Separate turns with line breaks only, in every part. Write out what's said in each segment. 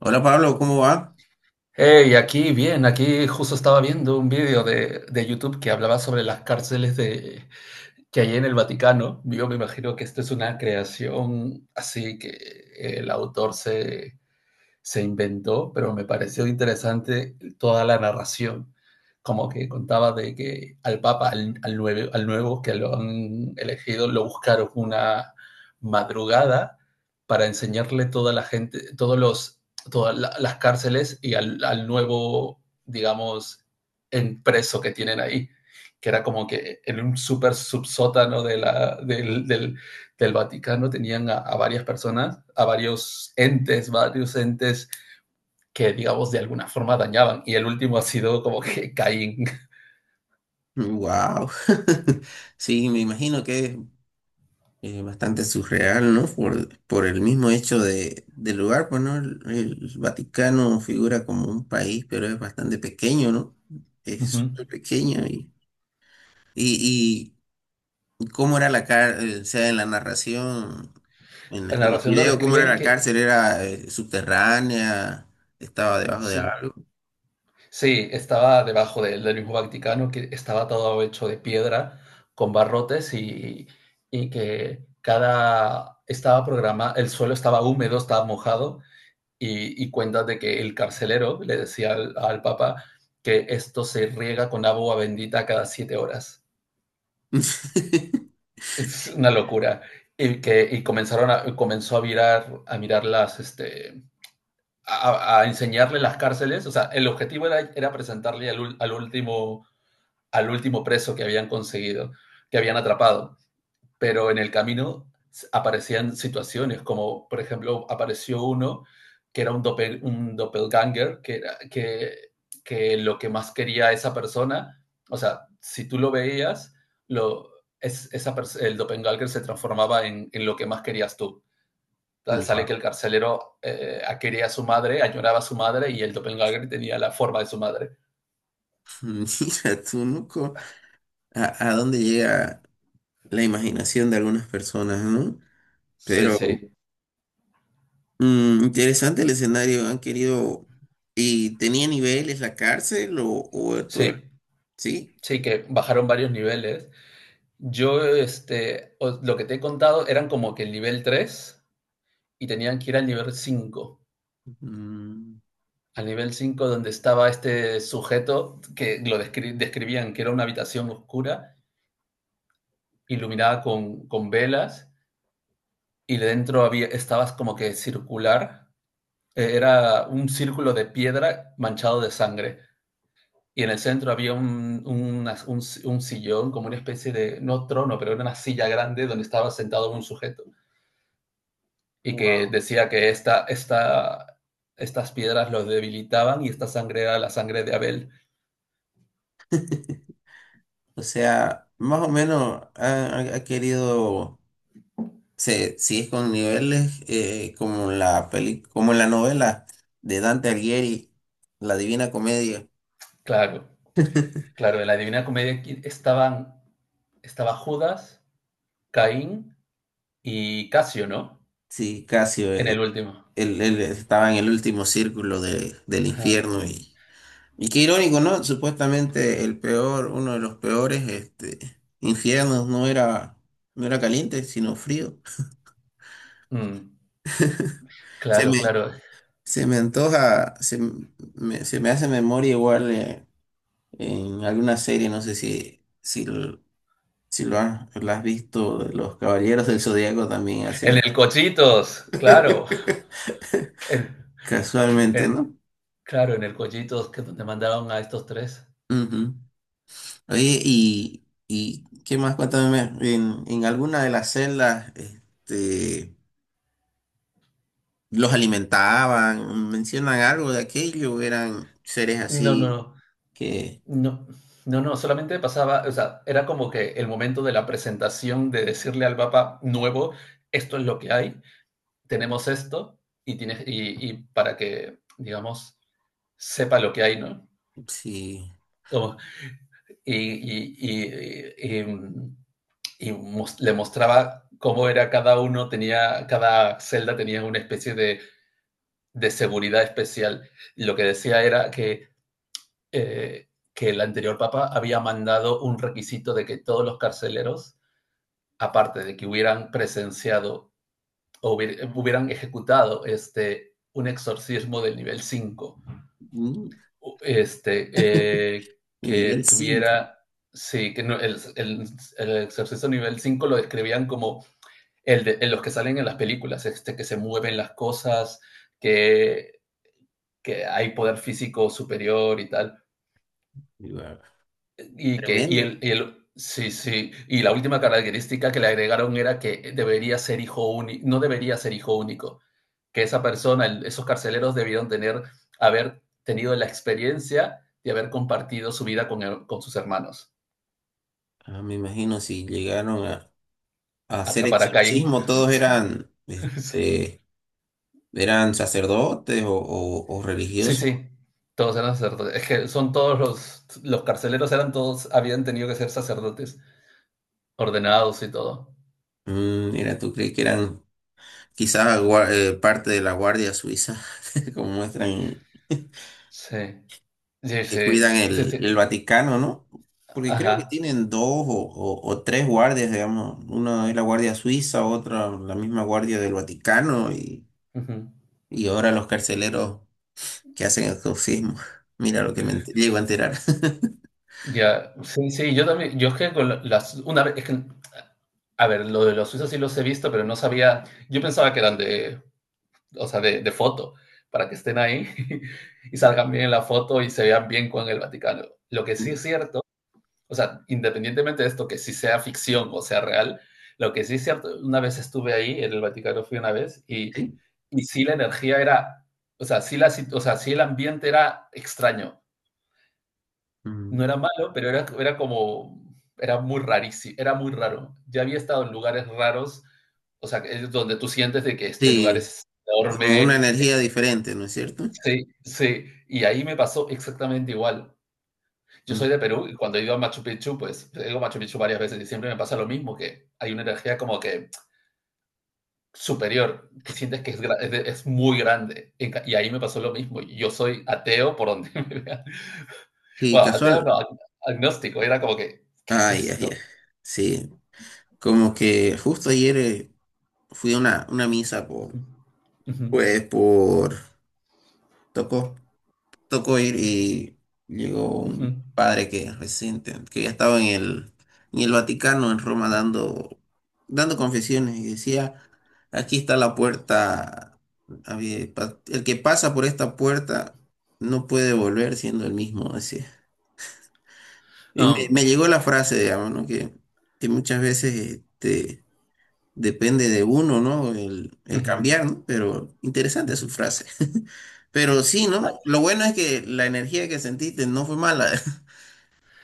Hola Pablo, ¿cómo va?
Hey, aquí bien, aquí justo estaba viendo un vídeo de YouTube que hablaba sobre las cárceles que hay en el Vaticano. Yo me imagino que esto es una creación así que el autor se inventó, pero me pareció interesante toda la narración, como que contaba de que al Papa, al nuevo, al nuevo que lo han elegido, lo buscaron una madrugada para enseñarle toda la gente, todas las cárceles y al nuevo, digamos, preso que tienen ahí, que era como que en un súper subsótano de la, del, del- del Vaticano tenían a varias personas, a varios entes que, digamos, de alguna forma dañaban. Y el último ha sido como que Caín.
Wow. Sí, me imagino que es bastante surreal, ¿no? Por el mismo hecho del lugar, pues, ¿no? El Vaticano figura como un país, pero es bastante pequeño, ¿no?
Uh
Es
-huh.
súper pequeño y, y ¿cómo era la cárcel? O sea, en la narración,
La
en el
narración lo
video, ¿cómo era
describen
la
que
cárcel? ¿Era subterránea? ¿Estaba debajo de
sí,
algo?
sí estaba debajo del mismo Vaticano, que estaba todo hecho de piedra con barrotes y que cada estaba programado, el suelo estaba húmedo, estaba mojado y cuentas de que el carcelero le decía al Papa que esto se riega con agua bendita cada 7 horas. Es una locura. Y que y comenzaron a, Comenzó a mirar, a enseñarle las cárceles. O sea, el objetivo era presentarle al último, preso que habían conseguido, que habían atrapado, pero en el camino aparecían situaciones, como por ejemplo apareció uno que era un doppelganger, que lo que más quería esa persona, o sea, si tú lo veías, lo, es, esa, el doppelganger se transformaba en lo que más querías tú. Sale que
Wow.
el carcelero quería a su madre, añoraba a su madre y el doppelganger tenía la forma de su madre.
Mira tú, ¿no? A dónde llega la imaginación de algunas personas, ¿no? Sí.
Sí,
Pero
sí,
interesante el escenario, han querido... ¿Y tenía niveles la cárcel o todo?
sí,
Sí.
sí, que bajaron varios niveles. Lo que te he contado eran como que el nivel 3 y tenían que ir al nivel 5.
Mm.
Al nivel 5 donde estaba este sujeto que lo describían que era una habitación oscura, iluminada con velas y dentro estabas como que circular. Era un círculo de piedra manchado de sangre. Y en el centro había un sillón, como una especie de, no trono, pero era una silla grande donde estaba sentado un sujeto. Y que
Guau.
decía que estas piedras los debilitaban y esta sangre era la sangre de Abel.
O sea, más o menos ha querido... si es con niveles como la peli, como en la novela de Dante Alighieri, La Divina Comedia.
Claro, claro, en la Divina Comedia estaba Judas, Caín y Casio, ¿no?
Sí, Casio,
En el último.
él estaba en el último círculo del infierno
Ajá.
y qué irónico, ¿no? Supuestamente el peor, uno de los peores este, infiernos no era, no era caliente, sino frío.
Mm,
Se
claro,
me,
claro.
se me antoja, se me hace memoria igual en alguna serie, no sé lo- si lo has, lo has visto, Los Caballeros del Zodíaco también
En
hacen
el Cochitos, claro. En,
casualmente,
en
¿no?
claro, en el Cochitos que te mandaron a estos tres.
Ujú. Oye, y qué más, cuéntame, en alguna de las celdas, este, los alimentaban, mencionan algo de aquello, eran seres
No, no,
así
no.
que,
No, no, no, solamente pasaba, o sea, era como que el momento de la presentación de decirle al Papa nuevo, esto es lo que hay, tenemos esto, y tienes, y para que, digamos, sepa lo que hay, ¿no?
sí,
Como- y, mm, y mos- Le mostraba cómo era cada uno, cada celda tenía una especie de seguridad especial. Y lo que decía era eh, que el anterior papa había mandado un requisito de que todos los carceleros, aparte de que hubieran presenciado o hubieran ejecutado un exorcismo del nivel 5,
mm, nivel
que
5
tuviera. Sí, que no, el exorcismo nivel 5 lo describían como en los que salen en las películas, que se mueven las cosas, que, que hay poder físico superior y tal. Y que,
tremendo.
y el, Sí, sí, y la última característica que le agregaron era que debería ser hijo único, no debería ser hijo único, que esa persona, esos carceleros debieron haber tenido la experiencia de haber compartido su vida con sus hermanos.
Ah, me imagino si llegaron a hacer
Atrapar a Caín.
exorcismo, todos eran, este, eran sacerdotes o, o
Sí,
religiosos.
sí, sí, todos eran sacerdotes. Es que son todos los carceleros eran todos, habían tenido que ser sacerdotes, ordenados y todo.
Mm, mira, ¿tú crees que eran quizás parte de la Guardia Suiza, como muestran,
Sí, sí,
que
sí,
cuidan
sí, sí,
el Vaticano, ¿no? Porque creo que
ajá.
tienen dos o, o tres guardias, digamos. Una es la Guardia Suiza, otra la misma Guardia del Vaticano y ahora los carceleros que hacen exorcismo. Mira lo que me llego a enterar.
Ya, sí, sí, yo también, yo es que las, una vez, es que, a ver, lo de los suizos sí los he visto, pero no sabía, yo pensaba que eran o sea, de foto, para que estén ahí y salgan bien en la foto y se vean bien con el Vaticano. Lo que sí es cierto, o sea, independientemente de esto, que sí sea ficción o sea real, lo que sí es cierto, una vez estuve ahí, en el Vaticano fui una vez, y,
Sí.
y sí la energía era, o sea, o sea, sí el ambiente era extraño. No
Mm.
era malo, pero era como, era muy rarísimo, era muy raro. Ya había estado en lugares raros, o sea, es donde tú sientes de que este lugar
Sí,
es
como
enorme,
una
es-
energía diferente, ¿no es cierto?
sí, sí, y ahí me pasó exactamente igual. Yo
Mm.
soy de Perú y cuando he ido a Machu Picchu, pues he ido a Machu Picchu varias veces y siempre me pasa lo mismo, que hay una energía como que superior, que sientes que es muy grande. Y ahí me pasó lo mismo. Y yo soy ateo por donde me vea.
Sí,
Bueno, ateo no,
casual.
agnóstico, era como que, ¿qué es
Ay, ay,
esto?
ay. Sí, como que justo ayer... fui a una misa por,
Ujú,
pues, por, tocó, tocó ir y llegó
ujú.
un padre que reciente que ya estaba en el Vaticano, en Roma, dando, dando confesiones y decía, aquí está la puerta, el que pasa por esta puerta no puede volver siendo el mismo, decía. Y
Ah,
me llegó la frase, digamos, ¿no? Que muchas veces, este, depende de uno, ¿no? El
ujú,
cambiar, ¿no? Pero interesante su
ujú.
frase. Pero sí,
Ah,
¿no? Lo bueno es que la energía que sentiste no fue mala.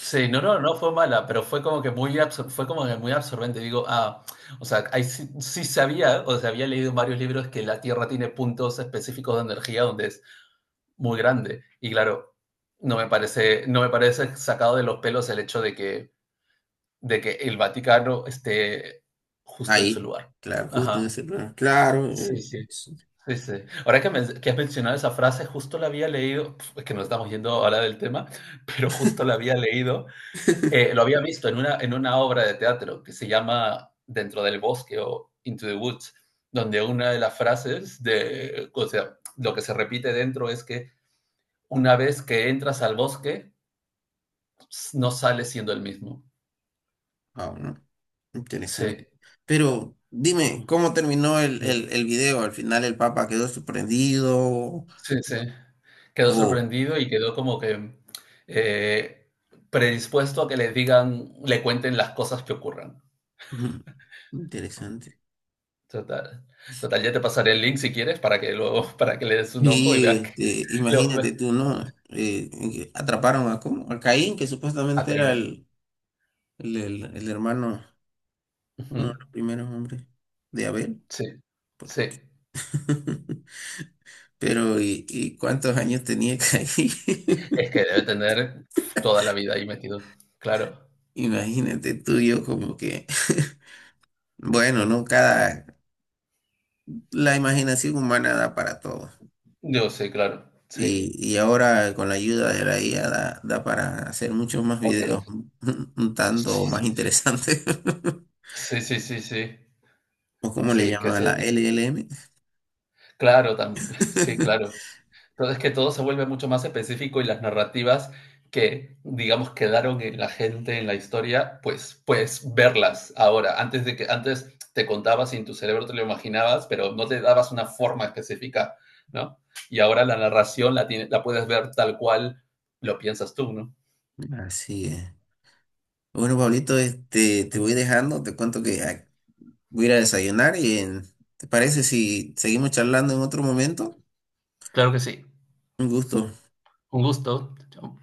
sí, no, no, no fue mala, pero fue como que muy absorbente. Digo, o sea, ahí sí, sí sabía, o sea, había leído en varios libros que la Tierra tiene puntos específicos de energía donde es muy grande. Y claro, no me parece sacado de los pelos el hecho de que el Vaticano esté justo en ese
Ahí,
lugar.
claro, justo en
Ajá.
ese lugar. Claro,
Sí, sí.
eso.
Sí, sí. Ahora que has mencionado esa frase, justo la había leído, es que nos estamos yendo ahora del tema, pero justo la había leído, lo había visto en una obra de teatro que se llama Dentro del bosque o Into the Woods, donde una de las frases o sea, lo que se repite dentro es que una vez que entras al bosque, no sales siendo el mismo.
Wow, ¿no? Interesante.
Sí.
Pero dime,
Ujú.
¿cómo terminó
Sí,
el video? ¿Al final el Papa quedó sorprendido?
sí, sí. Quedó
Oh,
sorprendido y quedó como que eh, predispuesto a que le digan, le cuenten las cosas que ocurran.
ujú, interesante.
Total. Total, ya te pasaré el link si quieres para que luego, para que le des un ojo y
Y
veas que
este,
lo,
imagínate
ve-
tú, ¿no? En que atraparon a, ¿cómo? A Caín, que
a
supuestamente era
Kane.
el, el hermano,
Ujú.
uno de los primeros hombres de Abel.
Sí, sí.
Pero, y cuántos años tenía Caín?
Es que debe tener toda la vida ahí metido. Claro.
Imagínate tú y yo como que, bueno, ¿no? Cada, la imaginación humana da para todo.
Yo sí, claro. Sí.
Y ahora con la ayuda de la IA da, da para hacer muchos más
Hombre,
videos, un
sí,
tanto más
sí, sí.
interesantes.
Sí, sí, sí, sí.
¿O cómo
Sí,
le
que
llaman,
sí.
la LLM?
Claro, también. Sí, claro. Entonces que todo se vuelve mucho más específico y las narrativas que, digamos, quedaron en la gente, en la historia, pues verlas ahora. Antes de que antes te contabas y en tu cerebro te lo imaginabas, pero no te dabas una forma específica, ¿no? Y ahora la narración la puedes ver tal cual lo piensas tú, ¿no?
Así es. Bueno, Pablito, este, te voy
Ujú.
dejando, te cuento que voy a ir a desayunar y ¿te parece si seguimos charlando en otro momento?
Claro que sí.
Un gusto.
Un gusto. Chao.